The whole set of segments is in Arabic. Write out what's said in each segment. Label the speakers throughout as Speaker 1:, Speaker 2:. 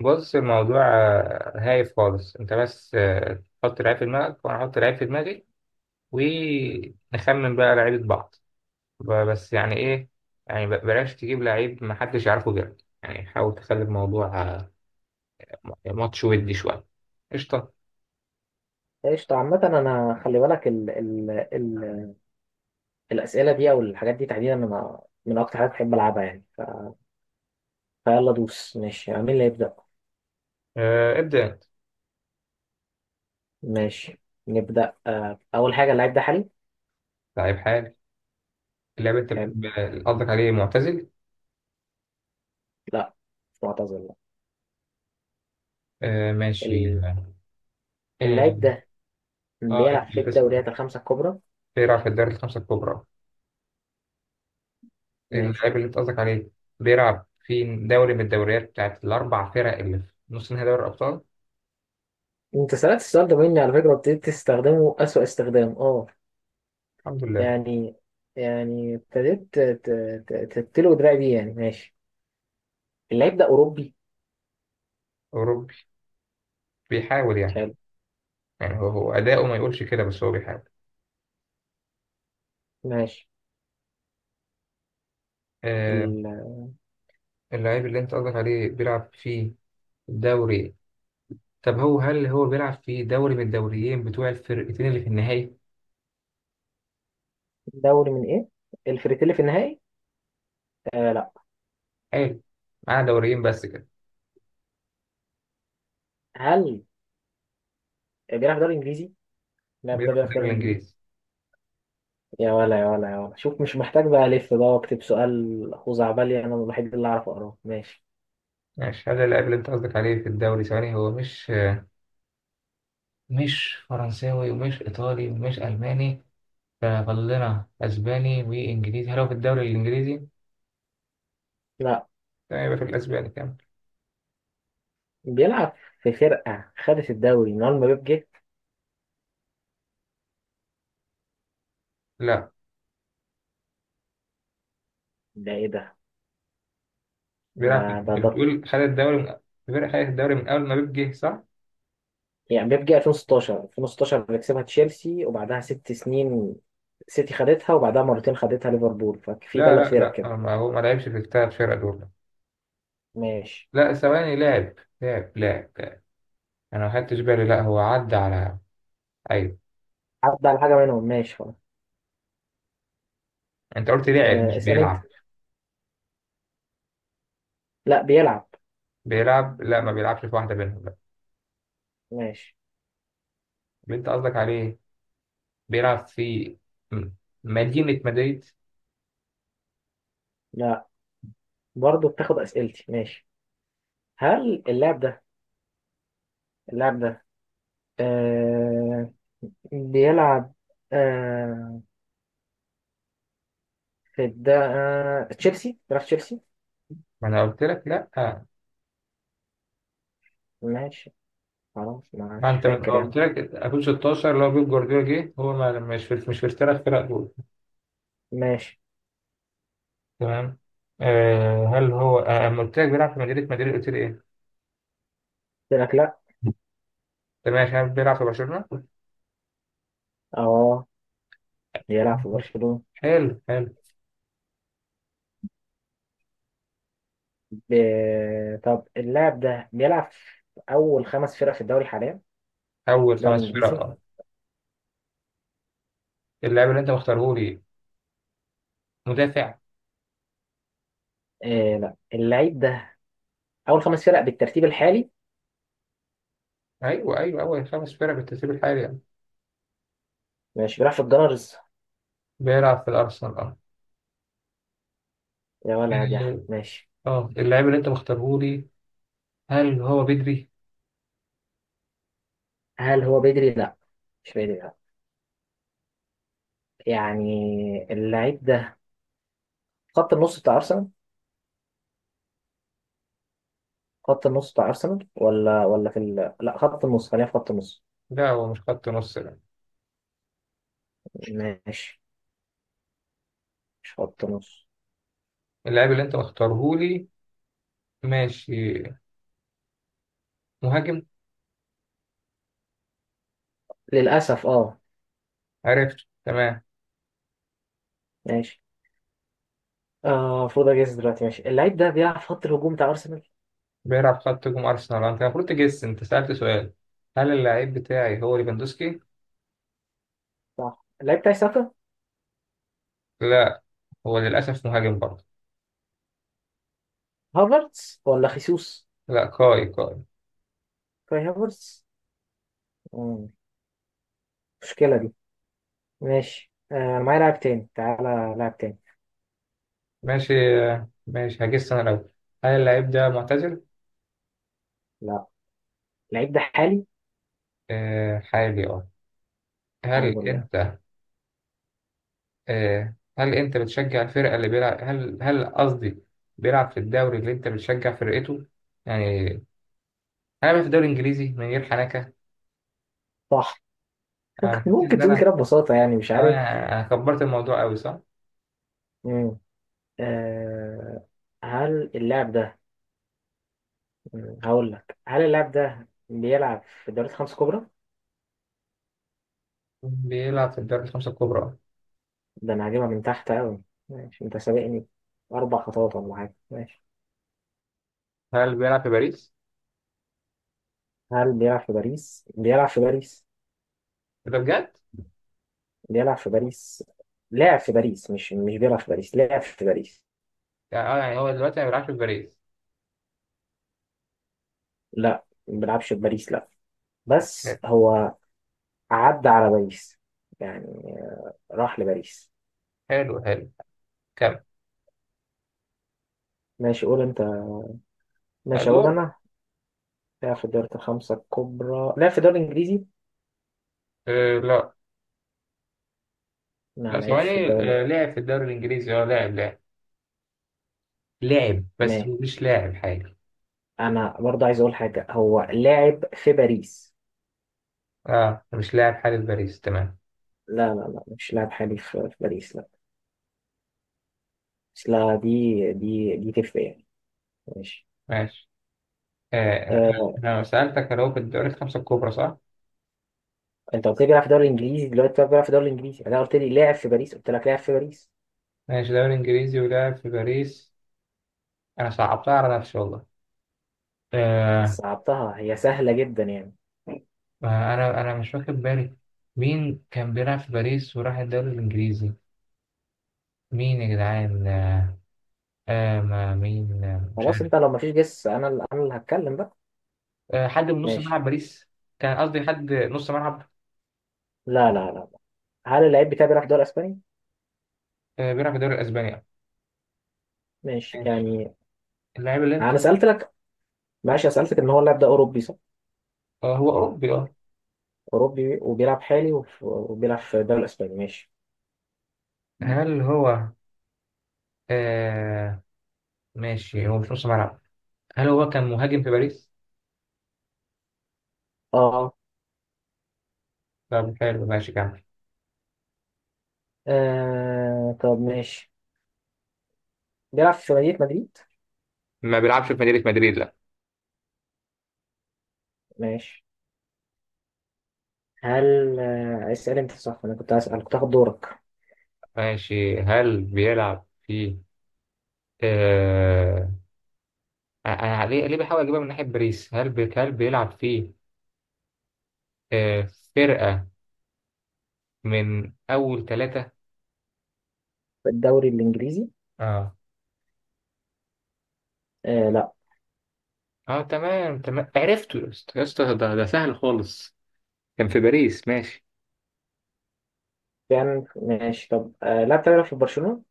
Speaker 1: بص الموضوع، هايف خالص انت بس. تحط لعيب في دماغك وانا احط لعيب في دماغي ونخمن بقى لعيبة بعض. بس يعني ايه؟ يعني بلاش تجيب لعيب محدش يعرفه غيرك، يعني حاول تخلي الموضوع ماتش ودي شوية. قشطة.
Speaker 2: قشطة. عامة أنا خلي بالك ال ال ال الأسئلة دي أو الحاجات دي تحديدا. أنا من أكتر حاجات بحب ألعبها يعني. فيلا دوس ماشي، يعني مين اللي يبدأ؟
Speaker 1: ابدأ انت.
Speaker 2: ماشي، نبدأ. أول حاجة، اللعيب ده حالي؟
Speaker 1: لعيب حالي. اللاعب انت
Speaker 2: حلو.
Speaker 1: قصدك عليه معتزل.
Speaker 2: لا. مش معتزل، لا.
Speaker 1: ماشي.
Speaker 2: ال- اللعيب
Speaker 1: اه.
Speaker 2: ده بيلعب
Speaker 1: انت
Speaker 2: في
Speaker 1: بتسأل
Speaker 2: الدوريات الخمسة الكبرى؟
Speaker 1: ايه رأيك في الدوري الخمسة الكبرى؟
Speaker 2: ماشي.
Speaker 1: اللاعب اللي انت قصدك عليه بيلعب في دوري من الدوريات بتاعت الأربع فرق اللي في نص نهائي دوري الأبطال.
Speaker 2: أنت سألت السؤال ده مني على فكرة وابتديت تستخدمه أسوأ استخدام. أه
Speaker 1: الحمد لله.
Speaker 2: يعني يعني ابتديت تتلو دراعي بيه يعني. ماشي. اللعيب ده أوروبي؟
Speaker 1: أوروبي. بيحاول يعني.
Speaker 2: حلو.
Speaker 1: يعني هو أداؤه ما يقولش كده بس هو بيحاول.
Speaker 2: ماشي.
Speaker 1: آه. اللاعب اللي أنت قصدك عليه بيلعب في دوري. طب هو، هل هو بيلعب في دوري من الدوريين بتوع الفرقتين اللي في النهائي؟
Speaker 2: دوري من ايه؟ الفريتيلي في النهائي؟ آه، لا.
Speaker 1: حلو. معاه دوريين بس كده.
Speaker 2: هل بيلعب دوري انجليزي؟ اللاعب ده
Speaker 1: بيلعب في
Speaker 2: بيلعب دوري
Speaker 1: الدوري
Speaker 2: انجليزي؟
Speaker 1: الإنجليزي.
Speaker 2: يا ولا يا ولا يا ولا، شوف، مش محتاج بقى الف بقى واكتب سؤال خزعبلي انا الوحيد اللي اعرف اقراه. ماشي.
Speaker 1: ماشي. هل اللاعب اللي أنت قصدك عليه في الدوري، ثواني، هو مش فرنساوي ومش إيطالي ومش ألماني، ففاضل لنا اسباني وانجليزي. هل هو في الدوري الانجليزي؟
Speaker 2: لا،
Speaker 1: تمام، يبقى في الاسباني كمان.
Speaker 2: بيلعب في فرقة خدت الدوري من اول ما بيب جه.
Speaker 1: لا،
Speaker 2: ده ايه ده؟ ده
Speaker 1: بيلعب في.
Speaker 2: ده
Speaker 1: انت
Speaker 2: ده
Speaker 1: بتقول خد الدوري من. الفرقه خدت الدوري من اول ما بيب جه صح؟
Speaker 2: يعني بيب جه 2016. 2016 بيكسبها تشيلسي، وبعدها 6 سنين سيتي خدتها، وبعدها مرتين خدتها ليفربول، ففي
Speaker 1: لا
Speaker 2: ثلاث
Speaker 1: لا
Speaker 2: فرق
Speaker 1: لا
Speaker 2: كده.
Speaker 1: هو ما لعبش في الثلاث فرق دول.
Speaker 2: ماشي.
Speaker 1: لا ثواني، لعب لعب. انا ما خدتش بالي، لا هو عدى على. ايوه.
Speaker 2: عدى على حاجة منهم، ماشي خلاص.
Speaker 1: انت قلت لعب
Speaker 2: آه،
Speaker 1: مش
Speaker 2: اسأل انت.
Speaker 1: بيلعب.
Speaker 2: لا، بيلعب.
Speaker 1: بيلعب. لا، ما بيلعبش في واحده منهم لا.
Speaker 2: ماشي.
Speaker 1: اللي انت قصدك عليه بيلعب في م- مدينه مدريد.
Speaker 2: لا، برضه بتاخد اسئلتي. ماشي. هل اللاعب ده اللاعب ده آه بيلعب آه في الد... آه تشيلسي؟ بيلعب في تشيلسي.
Speaker 1: ما انا قلت لك لا آه.
Speaker 2: ماشي، خلاص
Speaker 1: ما
Speaker 2: مش
Speaker 1: انت من
Speaker 2: فاكر
Speaker 1: هو قلت
Speaker 2: يعني.
Speaker 1: لك اكون 16، اللي هو بيب جوارديولا جه، هو ما مش في الثلاث فرق دول.
Speaker 2: ماشي.
Speaker 1: تمام. آه هل هو. آه اما قلت لك بيلعب في مدريد مدريد قلت لي ايه؟
Speaker 2: قلت لك لا.
Speaker 1: انت ماشي عارف. بيلعب في برشلونه؟
Speaker 2: اه، بيلعب في برشلونة.
Speaker 1: حلو.
Speaker 2: ب... طب اللاعب ده بيلعب في اول خمس فرق في الدوري حاليا،
Speaker 1: اول
Speaker 2: الدوري
Speaker 1: خمس فرق
Speaker 2: الانجليزي؟
Speaker 1: اه. اللاعب اللي انت مختاره لي مدافع.
Speaker 2: آه، لا. اللعيب ده اول خمس فرق بالترتيب الحالي.
Speaker 1: ايوه اول خمس فرق بالترتيب الحالي يعني.
Speaker 2: ماشي، بيلعب في الجنرز.
Speaker 1: بيلعب في الارسنال اه.
Speaker 2: يا ولا يا.
Speaker 1: ال-
Speaker 2: ماشي.
Speaker 1: اه. اللاعب اللي انت مختاره لي، هل هو بدري؟
Speaker 2: هل هو بدري؟ لا، مش بدري، لا. يعني اللعيب ده خط النص بتاع ارسنال. خط النص بتاع ارسنال ولا في لا، خط النص، خلينا في خط النص.
Speaker 1: لا هو مش خط نص لا.
Speaker 2: ماشي، مش خط النص.
Speaker 1: اللاعب اللي انت مختاره لي ماشي مهاجم.
Speaker 2: للاسف اه.
Speaker 1: عرفت تمام.
Speaker 2: ماشي. اه، المفروض اجهز دلوقتي. ماشي. اللعيب ده بيلعب في خط الهجوم بتاع ارسنال.
Speaker 1: بيلعب خط هجوم أرسنال. أنت المفروض تجس. أنت سألت سؤال. هل اللعيب بتاعي هو ليفاندوسكي؟
Speaker 2: صح، اللعيب بتاعي ساكا.
Speaker 1: لا، هو للأسف مهاجم برضه.
Speaker 2: هافرتس ولا خيسوس.
Speaker 1: لا، كاي كاي.
Speaker 2: كاي هافرتس. مم، مشكلة دي. ماشي، انا معايا لاعب تاني، تعالى لاعب تاني.
Speaker 1: ماشي. ماشي هجس أنا الأول. هل اللعيب ده معتزل؟
Speaker 2: لا، اللعيب ده حالي.
Speaker 1: آه حالي أه. هل
Speaker 2: الحمد لله.
Speaker 1: أنت. هل أنت بتشجع الفرقة اللي بيلعب، هل قصدي بيلعب في الدوري اللي أنت بتشجع فرقته؟ يعني أنا بلعب في الدوري الإنجليزي من غير حنكة.
Speaker 2: صح.
Speaker 1: أنا حسيت
Speaker 2: ممكن
Speaker 1: إن
Speaker 2: تقول
Speaker 1: أنا.
Speaker 2: كده ببساطة يعني، مش
Speaker 1: أه
Speaker 2: عارف.
Speaker 1: يعني أنا كبرت الموضوع أوي صح؟
Speaker 2: مم. آه، هل اللاعب ده هقول لك، هل اللاعب ده بيلعب في الدوريات الخمس الكبرى؟
Speaker 1: بيلعب في الدوري الخمسة الكبرى.
Speaker 2: ده انا هجيبها من تحت قوي. ماشي، انت سابقني 4 خطوات ولا حاجه. ماشي.
Speaker 1: هل بيلعب في باريس؟
Speaker 2: هل بيلعب في باريس؟ بيلعب في باريس.
Speaker 1: إيه ده بجد؟
Speaker 2: بيلعب في باريس. لاعب في باريس. مش مش بيلعب في باريس، لاعب في باريس.
Speaker 1: يعني اه، يعني هو دلوقتي ما بيلعبش في باريس.
Speaker 2: لا، ما بيلعبش في باريس، لا.
Speaker 1: حلو
Speaker 2: بس هو عدى على باريس، يعني راح لباريس.
Speaker 1: حلو حلو كمل.
Speaker 2: ماشي، قول انت.
Speaker 1: لا
Speaker 2: ماشي، اقول
Speaker 1: دور.
Speaker 2: انا. لاعب في الدوريات الخمسه الكبرى، لاعب في الدوري الانجليزي.
Speaker 1: آه لا.
Speaker 2: ما
Speaker 1: لا
Speaker 2: لعبش في
Speaker 1: ثواني،
Speaker 2: الدوري.
Speaker 1: آه لعب في الدوري الإنجليزي اه، لاعب لاعب،
Speaker 2: ما
Speaker 1: بس هو مش لاعب حالي.
Speaker 2: انا برضه عايز اقول حاجه، هو لاعب في باريس.
Speaker 1: اه مش لاعب حالي في باريس، تمام.
Speaker 2: لا لا لا، مش لاعب حالي في باريس، لا. بس لا، دي تفرق يعني. ماشي.
Speaker 1: ماشي. آه آه،
Speaker 2: آه،
Speaker 1: أنا سألتك هل هو في الدوري الخمسة الكبرى صح؟
Speaker 2: انت قلت لي بيلعب في الدوري الانجليزي دلوقتي، طب بيلعب في الدوري الانجليزي، انا قلت لي لاعب في باريس، قلت لك لاعب في باريس.
Speaker 1: ماشي، دوري إنجليزي ولاعب في باريس. أنا صعبتها على نفسي والله.
Speaker 2: بس
Speaker 1: آه
Speaker 2: صعبتها، هي سهله جدا يعني.
Speaker 1: آه، أنا مش واخد بالي. مين كان بيلعب في باريس وراح الدوري الإنجليزي؟ مين يا جدعان؟ آه ما مين، مش
Speaker 2: خلاص،
Speaker 1: عارف.
Speaker 2: انت لو مفيش جس، انا اللي هتكلم بقى.
Speaker 1: آه حد من نص
Speaker 2: ماشي.
Speaker 1: ملعب باريس. كان قصدي حد نص ملعب.
Speaker 2: لا لا لا لا. هل اللعيب بتاعي بيلعب في الدوري الاسباني؟
Speaker 1: آه بيلعب في الدوري الاسباني آه.
Speaker 2: ماشي
Speaker 1: ماشي
Speaker 2: يعني.
Speaker 1: اللاعب اللي انت.
Speaker 2: انا سالت لك. ماشي. أنا سالتك ان هو اللاعب ده اوروبي، صح.
Speaker 1: آه هو اوروبي اه.
Speaker 2: أوروبي وبيلعب حالي وبيلعب في الدوري الأسباني. ماشي.
Speaker 1: هل هو. آه ماشي. هو مش نص ملعب. هل هو كان مهاجم في باريس؟
Speaker 2: آه.
Speaker 1: طب حلو ماشي كمل.
Speaker 2: آه، طب ماشي، بيلعب في مدينة مدريد.
Speaker 1: ما بيلعبش في مدينة مدريد لا.
Speaker 2: ماشي. هل اسأل أنت، صح. أنا كنت هسأل، كنت هاخد دورك
Speaker 1: ماشي هل بيلعب في آه. انا ليه بحاول اجيبها من ناحية باريس. هل هل بيلعب في آه فرقة من اول ثلاثة
Speaker 2: في الدوري الإنجليزي.
Speaker 1: اه؟
Speaker 2: آه، لا.
Speaker 1: اه تمام عرفته يا اسطى يا اسطى، ده سهل خالص. كان في باريس ماشي.
Speaker 2: يعني ماشي، طب. آه، لا، بتلعب في برشلونة.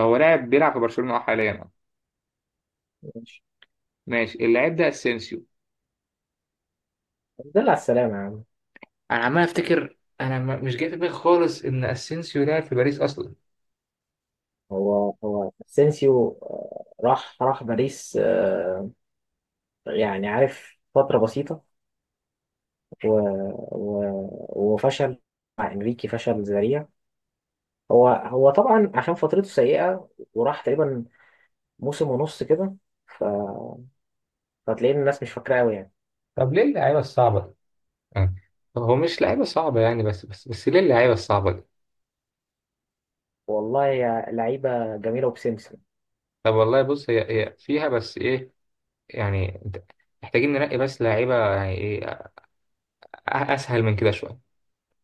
Speaker 1: هو لاعب بيلعب في برشلونة اه، حاليا اه.
Speaker 2: ماشي.
Speaker 1: ماشي. اللاعب ده اسينسيو.
Speaker 2: دل على السلامة يا عم.
Speaker 1: انا عمال افتكر، انا مش جاي في دماغي خالص ان اسينسيو لاعب في باريس اصلا.
Speaker 2: هو اسينسيو راح باريس، آه. يعني عارف، فترة بسيطة و... وفشل مع انريكي، فشل ذريع. هو طبعا عشان فترته سيئة، وراح تقريبا موسم ونص كده. ف... فتلاقي إن الناس مش فاكراه قوي يعني.
Speaker 1: طب ليه اللعيبه الصعبه دي؟ آه. هو مش لعيبة صعبة يعني، بس ليه اللعيبة الصعبة دي؟
Speaker 2: والله يا لعيبة جميلة وبسمسم
Speaker 1: طب والله بص، هي فيها بس ايه، يعني محتاجين ننقي بس لعيبة يعني ايه اسهل من كده شوية